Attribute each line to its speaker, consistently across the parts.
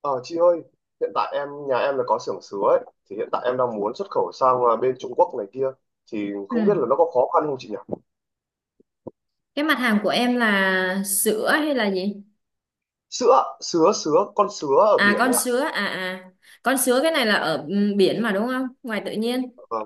Speaker 1: Ờ, chị ơi, hiện tại em nhà em có xưởng sứa ấy, thì hiện tại em đang muốn xuất khẩu sang bên Trung Quốc này kia, thì không biết
Speaker 2: Ừ.
Speaker 1: là nó có khó khăn không chị nhỉ?
Speaker 2: Cái mặt hàng của em là sữa hay là gì?
Speaker 1: Sứa, con sứa ở
Speaker 2: À,
Speaker 1: biển
Speaker 2: con
Speaker 1: ấy ạ.
Speaker 2: sứa à. Con sứa cái này là ở biển mà đúng không? Ngoài tự nhiên,
Speaker 1: Ờ,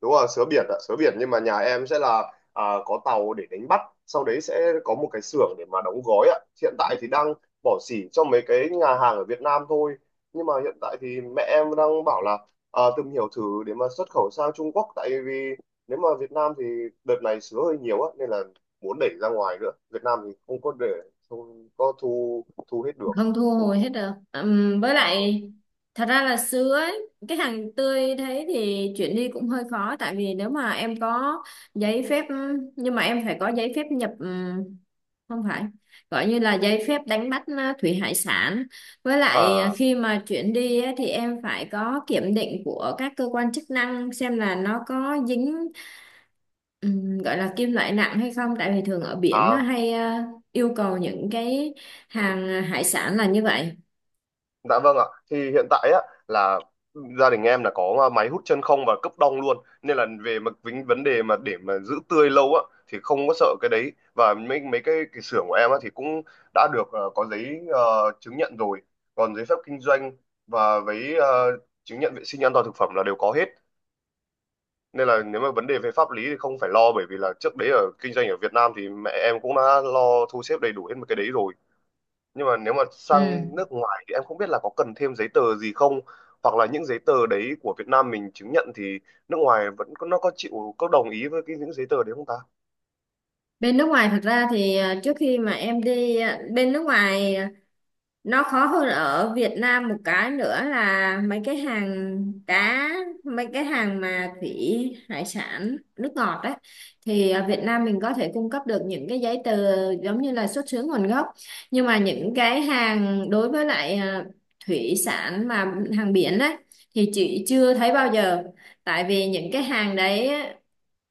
Speaker 1: Đúng rồi, sứa biển ạ, sứa biển, nhưng mà nhà em sẽ là có tàu để đánh bắt, sau đấy sẽ có một cái xưởng để mà đóng gói ạ. Hiện tại thì đang bỏ xỉ cho mấy cái nhà hàng ở Việt Nam thôi, nhưng mà hiện tại thì mẹ em đang bảo là tìm hiểu thử để mà xuất khẩu sang Trung Quốc, tại vì nếu mà Việt Nam thì đợt này sứa hơi nhiều á, nên là muốn đẩy ra ngoài nữa. Việt Nam thì không có để, không có thu thu hết được.
Speaker 2: không thu hồi hết được. Với lại thật ra là sứa ấy, cái hàng tươi thế thì chuyển đi cũng hơi khó, tại vì nếu mà em có giấy phép nhưng mà em phải có giấy phép nhập, không phải gọi như là giấy phép đánh bắt thủy hải sản, với lại
Speaker 1: À,
Speaker 2: khi mà chuyển đi á, thì em phải có kiểm định của các cơ quan chức năng xem là nó có dính gọi là kim loại nặng hay không, tại vì thường ở biển nó
Speaker 1: à.
Speaker 2: hay yêu cầu những cái hàng hải sản là như vậy.
Speaker 1: Dạ vâng ạ. Thì hiện tại á là gia đình em là có máy hút chân không và cấp đông luôn, nên là về mà vấn vấn đề mà để mà giữ tươi lâu á thì không có sợ cái đấy. Và mấy mấy cái xưởng của em á thì cũng đã được, có giấy, chứng nhận rồi, còn giấy phép kinh doanh và với, chứng nhận vệ sinh an toàn thực phẩm là đều có hết. Nên là nếu mà vấn đề về pháp lý thì không phải lo, bởi vì là trước đấy ở kinh doanh ở Việt Nam thì mẹ em cũng đã lo thu xếp đầy đủ hết một cái đấy rồi. Nhưng mà nếu mà
Speaker 2: Ừm.
Speaker 1: sang nước ngoài thì em không biết là có cần thêm giấy tờ gì không, hoặc là những giấy tờ đấy của Việt Nam mình chứng nhận thì nước ngoài vẫn có, nó có chịu, có đồng ý với cái những giấy tờ đấy không ta.
Speaker 2: Bên nước ngoài thật ra thì trước khi mà em đi bên nước ngoài nó khó hơn ở Việt Nam, một cái nữa là cá mấy cái hàng mà thủy hải sản nước ngọt đấy, thì ở Việt Nam mình có thể cung cấp được những cái giấy tờ giống như là xuất xứ nguồn gốc. Nhưng mà những cái hàng đối với lại thủy sản mà hàng biển đấy thì chị chưa thấy bao giờ. Tại vì những cái hàng đấy á,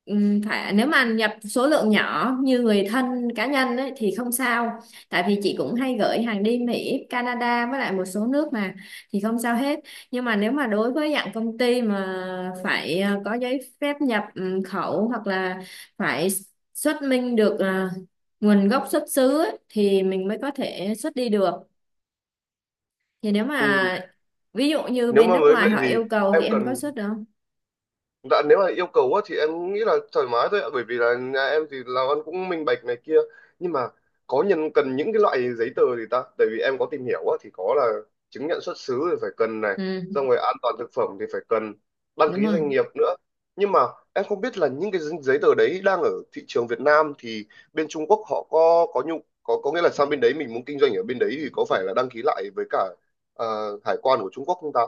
Speaker 2: phải nếu mà nhập số lượng nhỏ như người thân cá nhân ấy, thì không sao. Tại vì chị cũng hay gửi hàng đi Mỹ, Canada với lại một số nước mà, thì không sao hết. Nhưng mà nếu mà đối với dạng công ty mà phải có giấy phép nhập khẩu, hoặc là phải xuất minh được nguồn gốc xuất xứ ấy, thì mình mới có thể xuất đi được. Thì nếu
Speaker 1: Ừ.
Speaker 2: mà ví dụ như
Speaker 1: Nếu
Speaker 2: bên
Speaker 1: mà
Speaker 2: nước
Speaker 1: mới
Speaker 2: ngoài
Speaker 1: vậy
Speaker 2: họ
Speaker 1: thì
Speaker 2: yêu cầu
Speaker 1: em
Speaker 2: thì em có
Speaker 1: cần.
Speaker 2: xuất được không?
Speaker 1: Dạ, nếu mà yêu cầu á, thì em nghĩ là thoải mái thôi ạ, bởi vì là nhà em thì làm ăn cũng minh bạch này kia. Nhưng mà có nhân cần những cái loại giấy tờ gì ta, tại vì em có tìm hiểu á, thì có là chứng nhận xuất xứ thì phải cần này,
Speaker 2: Ừ,
Speaker 1: xong rồi an toàn thực phẩm thì phải cần đăng
Speaker 2: đúng
Speaker 1: ký
Speaker 2: rồi.
Speaker 1: doanh nghiệp nữa. Nhưng mà em không biết là những cái giấy tờ đấy đang ở thị trường Việt Nam thì bên Trung Quốc họ có nghĩa là sang bên đấy mình muốn kinh doanh ở bên đấy thì có phải là đăng ký lại với cả, ờ, hải quan của Trung Quốc không ta.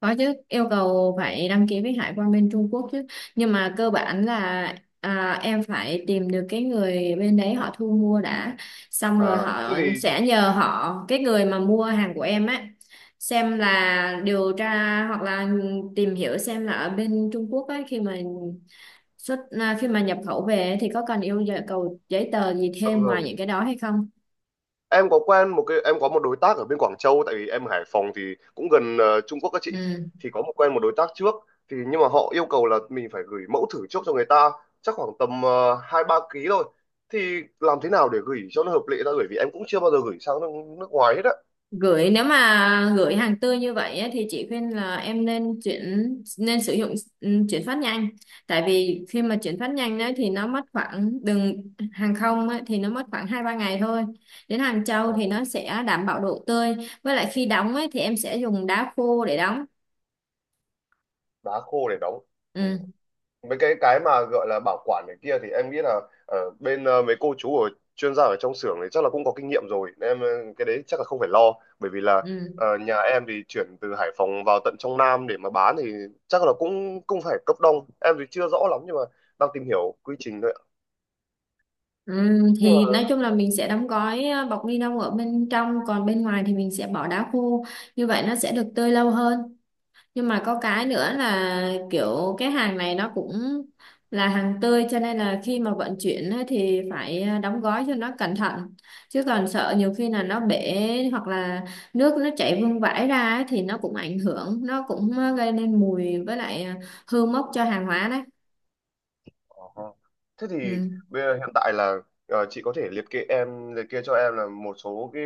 Speaker 2: Có chứ, yêu cầu phải đăng ký với hải quan bên Trung Quốc chứ. Nhưng mà cơ bản là em phải tìm được cái người bên đấy họ thu mua đã. Xong rồi
Speaker 1: À, thế
Speaker 2: họ
Speaker 1: thì.
Speaker 2: sẽ nhờ họ, cái người mà mua hàng của em á, xem là điều tra hoặc là tìm hiểu xem là ở bên Trung Quốc ấy khi mà khi mà nhập khẩu về thì có cần yêu cầu giấy tờ gì
Speaker 1: Dạ
Speaker 2: thêm ngoài
Speaker 1: vâng,
Speaker 2: những cái đó hay không.
Speaker 1: em có quen một cái, em có một đối tác ở bên Quảng Châu, tại vì em ở Hải Phòng thì cũng gần, Trung Quốc các chị,
Speaker 2: Ừ.
Speaker 1: thì có một quen một đối tác trước. Thì nhưng mà họ yêu cầu là mình phải gửi mẫu thử trước cho người ta, chắc khoảng tầm 2-3 ký thôi. Thì làm thế nào để gửi cho nó hợp lệ ta, gửi vì em cũng chưa bao giờ gửi sang nước ngoài hết á.
Speaker 2: Nếu mà gửi hàng tươi như vậy á, thì chị khuyên là em nên chuyển nên sử dụng chuyển phát nhanh. Tại vì khi mà chuyển phát nhanh đấy thì nó mất khoảng đường hàng không á, thì nó mất khoảng 2-3 ngày thôi, đến Hàng Châu
Speaker 1: Ờ,
Speaker 2: thì nó sẽ đảm bảo độ tươi. Với lại khi đóng ấy, thì em sẽ dùng đá khô để đóng.
Speaker 1: đá khô để đóng. Ừ.
Speaker 2: Ừ,
Speaker 1: Mấy cái mà gọi là bảo quản này kia thì em nghĩ là ở bên, mấy cô chú ở chuyên gia ở trong xưởng thì chắc là cũng có kinh nghiệm rồi, nên em, cái đấy chắc là không phải lo, bởi vì là,
Speaker 2: ừ,
Speaker 1: nhà em thì chuyển từ Hải Phòng vào tận trong Nam để mà bán thì chắc là cũng cũng phải cấp đông. Em thì chưa rõ lắm, nhưng mà đang tìm hiểu quy trình thôi ạ.
Speaker 2: ừ.
Speaker 1: Nhưng mà.
Speaker 2: Thì nói chung là mình sẽ đóng gói bọc ni lông ở bên trong, còn bên ngoài thì mình sẽ bỏ đá khô. Như vậy nó sẽ được tươi lâu hơn. Nhưng mà có cái nữa là kiểu cái hàng này nó cũng là hàng tươi, cho nên là khi mà vận chuyển á thì phải đóng gói cho nó cẩn thận. Chứ còn sợ nhiều khi là nó bể, hoặc là nước nó chảy vương vãi ra á thì nó cũng ảnh hưởng, nó cũng gây nên mùi với lại hư mốc cho hàng hóa đấy.
Speaker 1: Ồ. Thế thì
Speaker 2: Ừ.
Speaker 1: bây giờ hiện tại là, chị có thể liệt kê, em liệt kê cho em là một số cái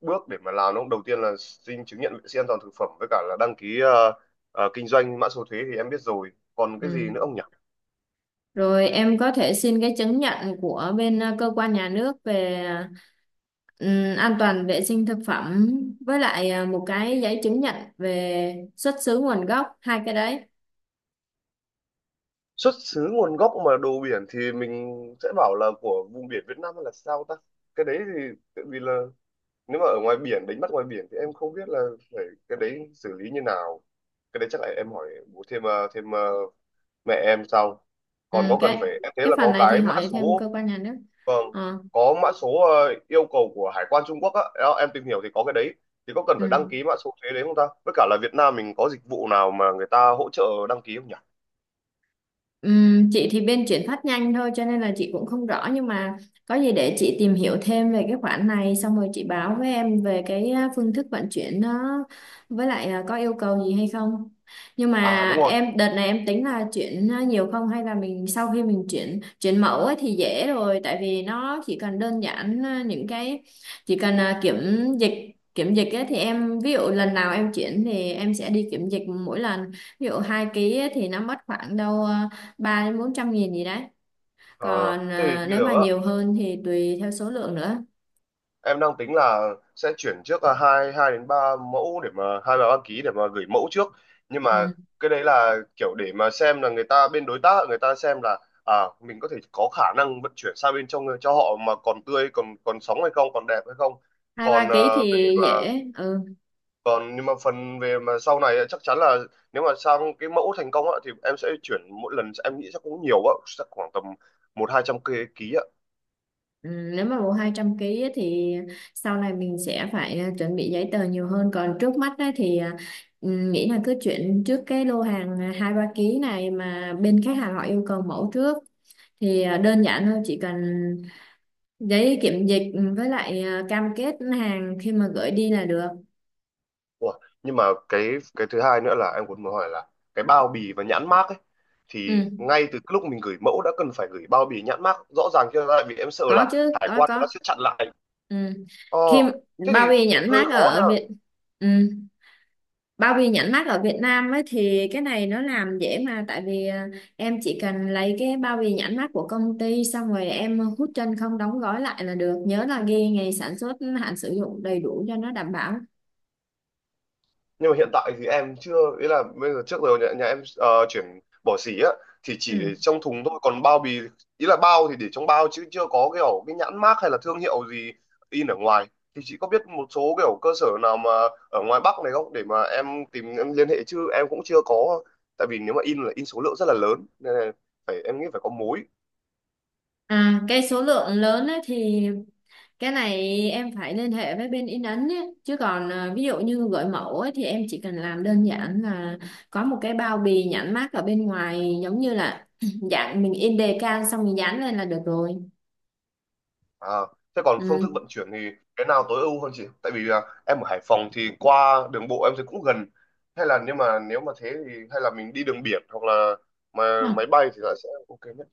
Speaker 1: bước để mà làm, đúng không? Đầu tiên là xin chứng nhận vệ sinh an toàn thực phẩm với cả là đăng ký, kinh doanh mã số thuế thì em biết rồi. Còn cái gì
Speaker 2: Ừ.
Speaker 1: nữa không nhỉ?
Speaker 2: Rồi em có thể xin cái chứng nhận của bên cơ quan nhà nước về an toàn vệ sinh thực phẩm, với lại một cái giấy chứng nhận về xuất xứ nguồn gốc. Hai cái đấy.
Speaker 1: Xuất xứ nguồn gốc mà đồ biển thì mình sẽ bảo là của vùng biển Việt Nam hay là sao ta? Cái đấy thì tại vì là nếu mà ở ngoài biển, đánh bắt ngoài biển thì em không biết là phải cái đấy xử lý như nào. Cái đấy chắc là em hỏi bố thêm, thêm mẹ em xong, còn
Speaker 2: Ừ,
Speaker 1: có cần phải,
Speaker 2: cái
Speaker 1: em thấy
Speaker 2: cái
Speaker 1: là
Speaker 2: phần
Speaker 1: có
Speaker 2: này thì
Speaker 1: cái mã
Speaker 2: hỏi thêm cơ
Speaker 1: số.
Speaker 2: quan nhà nước.
Speaker 1: Vâng,
Speaker 2: Ờ,
Speaker 1: có mã số, yêu cầu của hải quan Trung Quốc á. Đó, em tìm hiểu thì có cái đấy, thì có cần phải
Speaker 2: ừ.
Speaker 1: đăng ký mã số thuế đấy không ta, với cả là Việt Nam mình có dịch vụ nào mà người ta hỗ trợ đăng ký không nhỉ.
Speaker 2: Chị thì bên chuyển phát nhanh thôi cho nên là chị cũng không rõ. Nhưng mà có gì để chị tìm hiểu thêm về cái khoản này, xong rồi chị báo với em về cái phương thức vận chuyển nó với lại có yêu cầu gì hay không. Nhưng
Speaker 1: À,
Speaker 2: mà
Speaker 1: đúng rồi.
Speaker 2: em đợt này em tính là chuyển nhiều không, hay là mình sau khi mình chuyển chuyển mẫu ấy thì dễ rồi. Tại vì nó chỉ cần đơn giản những cái chỉ cần dịch kiểm dịch ấy, thì em ví dụ lần nào em chuyển thì em sẽ đi kiểm dịch mỗi lần. Ví dụ 2 ký ấy thì nó mất khoảng đâu 300-400 nghìn gì đấy.
Speaker 1: ờ
Speaker 2: Còn
Speaker 1: Thế thì bây
Speaker 2: nếu
Speaker 1: giờ
Speaker 2: mà
Speaker 1: á
Speaker 2: nhiều hơn thì tùy theo số lượng nữa.
Speaker 1: em đang tính là sẽ chuyển trước là hai hai đến ba mẫu để mà hai ba đăng ký, để mà gửi mẫu trước. Nhưng mà
Speaker 2: Ừ.
Speaker 1: cái đấy là kiểu để mà xem là người ta, bên đối tác người ta xem là à mình có thể có khả năng vận chuyển sang bên trong cho họ mà còn tươi, còn còn sống hay không, còn đẹp hay không.
Speaker 2: 2-3
Speaker 1: Còn,
Speaker 2: kg thì
Speaker 1: về mà,
Speaker 2: dễ. Ừ.
Speaker 1: còn nhưng mà phần về mà sau này ấy, chắc chắn là nếu mà sang cái mẫu thành công á, thì em sẽ chuyển mỗi lần, em nghĩ chắc cũng nhiều á, chắc khoảng tầm 1-2 trăm ký.
Speaker 2: Ừ. Nếu mà bộ 200 kg á thì sau này mình sẽ phải chuẩn bị giấy tờ nhiều hơn. Còn trước mắt á thì nghĩ là cứ chuyển trước cái lô hàng 2-3 ký này, mà bên khách hàng họ yêu cầu mẫu trước, thì đơn giản thôi, chỉ cần giấy kiểm dịch với lại cam kết hàng khi mà gửi đi là được.
Speaker 1: Ủa, nhưng mà cái cái thứ hai nữa là em cũng muốn hỏi là cái bao bì và nhãn mác ấy, thì
Speaker 2: Ừ.
Speaker 1: ngay từ cái lúc mình gửi mẫu đã cần phải gửi bao bì nhãn mác rõ ràng chưa, tại vì em sợ
Speaker 2: Có
Speaker 1: là
Speaker 2: chứ,
Speaker 1: hải
Speaker 2: có,
Speaker 1: quan nó
Speaker 2: có.
Speaker 1: sẽ chặn lại.
Speaker 2: Ừ.
Speaker 1: Ờ,
Speaker 2: khi
Speaker 1: thế
Speaker 2: bao
Speaker 1: thì
Speaker 2: bì nhãn
Speaker 1: hơi
Speaker 2: mác
Speaker 1: khó nha.
Speaker 2: ở Việt ừ. Bao bì nhãn mác ở Việt Nam ấy thì cái này nó làm dễ mà, tại vì em chỉ cần lấy cái bao bì nhãn mác của công ty xong rồi em hút chân không đóng gói lại là được. Nhớ là ghi ngày sản xuất, hạn sử dụng đầy đủ cho nó đảm bảo.
Speaker 1: Nhưng mà hiện tại thì em chưa, ý là bây giờ trước giờ nhà em, chuyển bỏ xỉ á thì chỉ
Speaker 2: Ừ.
Speaker 1: để trong thùng thôi, còn bao bì, ý là bao thì để trong bao, chứ chưa có kiểu cái nhãn mác hay là thương hiệu gì in ở ngoài. Thì chị có biết một số kiểu cơ sở nào mà ở ngoài Bắc này không, để mà em tìm, em liên hệ, chứ em cũng chưa có. Tại vì nếu mà in là in số lượng rất là lớn nên là phải, em nghĩ phải có mối.
Speaker 2: À, cái số lượng lớn ấy thì cái này em phải liên hệ với bên in ấn ấy. Chứ còn ví dụ như gửi mẫu ấy, thì em chỉ cần làm đơn giản là có một cái bao bì nhãn mác ở bên ngoài, giống như là dạng mình in đề can xong mình dán lên là được rồi.
Speaker 1: À, thế còn phương thức
Speaker 2: Ừ.
Speaker 1: vận chuyển thì cái nào tối ưu hơn chị? Tại vì, em ở Hải Phòng thì qua đường bộ em thấy cũng gần. Hay là, nếu mà thế thì hay là mình đi đường biển, hoặc là mà
Speaker 2: Đúng không?
Speaker 1: máy bay thì là sẽ ok nhất.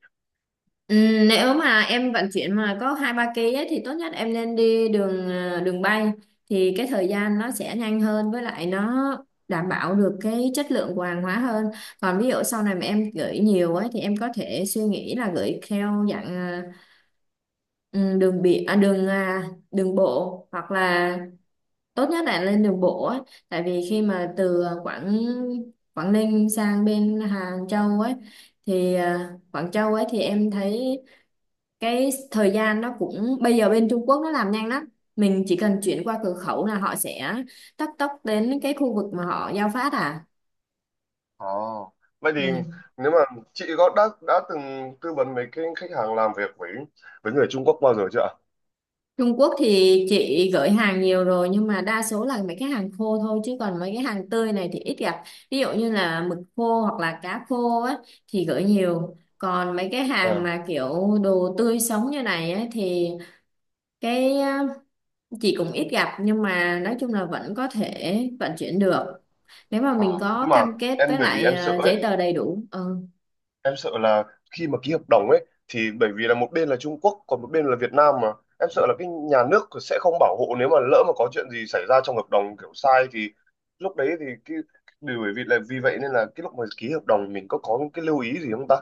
Speaker 2: Ừ, nếu mà em vận chuyển mà có 2-3 ký ấy, thì tốt nhất em nên đi đường bay, thì cái thời gian nó sẽ nhanh hơn, với lại nó đảm bảo được cái chất lượng của hàng hóa hơn. Còn ví dụ sau này mà em gửi nhiều ấy thì em có thể suy nghĩ là gửi theo dạng Ừ, đường biển, đường bộ, hoặc là tốt nhất là lên đường bộ á. Tại vì khi mà từ à, Quảng Quảng Ninh sang bên Hàng Châu ấy, thì Quảng Châu ấy thì em thấy cái thời gian nó cũng, bây giờ bên Trung Quốc nó làm nhanh lắm. Mình chỉ cần chuyển qua cửa khẩu là họ sẽ tấp tốc đến cái khu vực mà họ giao phát
Speaker 1: Ồ. Vậy thì,
Speaker 2: ừ.
Speaker 1: nếu mà chị có đã từng tư vấn mấy cái khách hàng làm việc với, người Trung Quốc bao giờ chưa ạ?
Speaker 2: Trung Quốc thì chị gửi hàng nhiều rồi nhưng mà đa số là mấy cái hàng khô thôi, chứ còn mấy cái hàng tươi này thì ít gặp. Ví dụ như là mực khô hoặc là cá khô á thì gửi nhiều. Còn mấy cái hàng
Speaker 1: Ờ.
Speaker 2: mà kiểu đồ tươi sống như này á thì cái chị cũng ít gặp, nhưng mà nói chung là vẫn có thể vận chuyển được. Nếu mà
Speaker 1: À,
Speaker 2: mình có
Speaker 1: nhưng mà
Speaker 2: cam kết
Speaker 1: em,
Speaker 2: với
Speaker 1: bởi vì
Speaker 2: lại
Speaker 1: em sợ ấy,
Speaker 2: giấy tờ đầy đủ. Ừ.
Speaker 1: em sợ là khi mà ký hợp đồng ấy thì bởi vì là một bên là Trung Quốc còn một bên là Việt Nam mà em sợ là cái nhà nước sẽ không bảo hộ, nếu mà lỡ mà có chuyện gì xảy ra trong hợp đồng kiểu sai thì lúc đấy thì cái điều, bởi vì là vì vậy nên là cái lúc mà ký hợp đồng mình có những cái lưu ý gì không ta?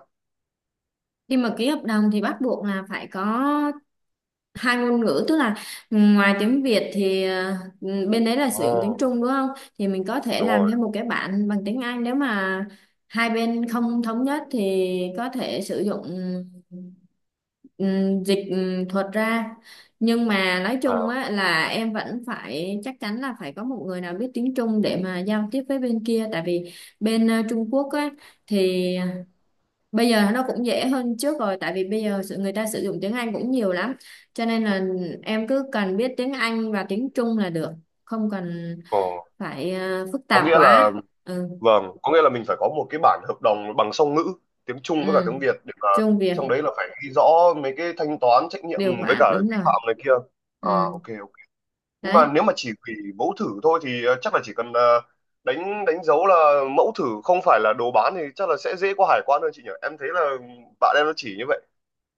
Speaker 2: Khi mà ký hợp đồng thì bắt buộc là phải có hai ngôn ngữ, tức là ngoài tiếng Việt thì bên đấy là sử dụng tiếng
Speaker 1: Ồ,
Speaker 2: Trung đúng không, thì mình có thể
Speaker 1: đúng
Speaker 2: làm
Speaker 1: rồi.
Speaker 2: thêm một cái bản bằng tiếng Anh. Nếu mà hai bên không thống nhất thì có thể sử dụng dịch thuật ra. Nhưng mà nói
Speaker 1: À,
Speaker 2: chung á là em vẫn phải chắc chắn là phải có một người nào biết tiếng Trung để mà giao tiếp với bên kia. Tại vì bên Trung Quốc á thì bây giờ nó cũng dễ hơn trước rồi, tại vì bây giờ người ta sử dụng tiếng Anh cũng nhiều lắm, cho nên là em cứ cần biết tiếng Anh và tiếng Trung là được, không cần
Speaker 1: ờ.
Speaker 2: phải phức
Speaker 1: Có
Speaker 2: tạp
Speaker 1: nghĩa là,
Speaker 2: quá. Ừ.
Speaker 1: vâng, có nghĩa là mình phải có một cái bản hợp đồng bằng song ngữ tiếng Trung với cả
Speaker 2: Ừ.
Speaker 1: tiếng Việt, để mà
Speaker 2: Trung Việt.
Speaker 1: trong đấy là phải ghi rõ mấy cái thanh toán, trách nhiệm
Speaker 2: Điều
Speaker 1: với
Speaker 2: khoản
Speaker 1: cả
Speaker 2: đúng
Speaker 1: vi
Speaker 2: rồi.
Speaker 1: phạm này kia. À,
Speaker 2: Ừ.
Speaker 1: ok ok. Nhưng mà
Speaker 2: Đấy.
Speaker 1: nếu mà chỉ hủy mẫu thử thôi thì, chắc là chỉ cần, đánh đánh dấu là mẫu thử không phải là đồ bán thì chắc là sẽ dễ qua hải quan hơn chị nhỉ. Em thấy là bạn em nó chỉ như vậy.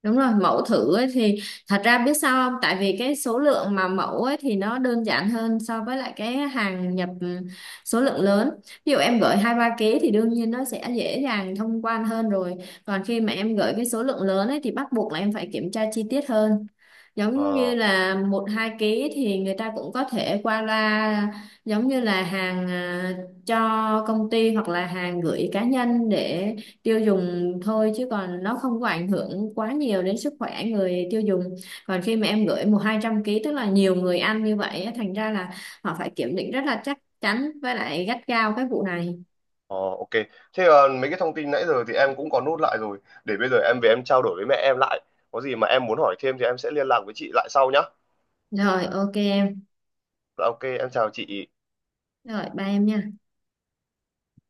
Speaker 2: Đúng rồi, mẫu thử ấy thì thật ra biết sao không? Tại vì cái số lượng mà mẫu ấy thì nó đơn giản hơn so với lại cái hàng nhập số lượng lớn. Ví dụ em gửi 2-3 ký thì đương nhiên nó sẽ dễ dàng thông quan hơn rồi. Còn khi mà em gửi cái số lượng lớn ấy thì bắt buộc là em phải kiểm tra chi tiết hơn. Giống như
Speaker 1: Ờ,
Speaker 2: là 1-2 ký thì người ta cũng có thể qua loa, giống như là hàng cho công ty hoặc là hàng gửi cá nhân để tiêu dùng thôi, chứ còn nó không có ảnh hưởng quá nhiều đến sức khỏe người tiêu dùng. Còn khi mà em gửi 100-200 ký tức là nhiều người ăn như vậy á, thành ra là họ phải kiểm định rất là chắc chắn với lại gắt gao cái vụ này.
Speaker 1: ờ, ok. Thế, mấy cái thông tin nãy giờ thì em cũng có nốt lại rồi, để bây giờ em về em trao đổi với mẹ em lại, có gì mà em muốn hỏi thêm thì em sẽ liên lạc với chị lại sau nhá.
Speaker 2: Rồi, ok em.
Speaker 1: Dạ, ok em chào chị.
Speaker 2: Rồi ba em nha.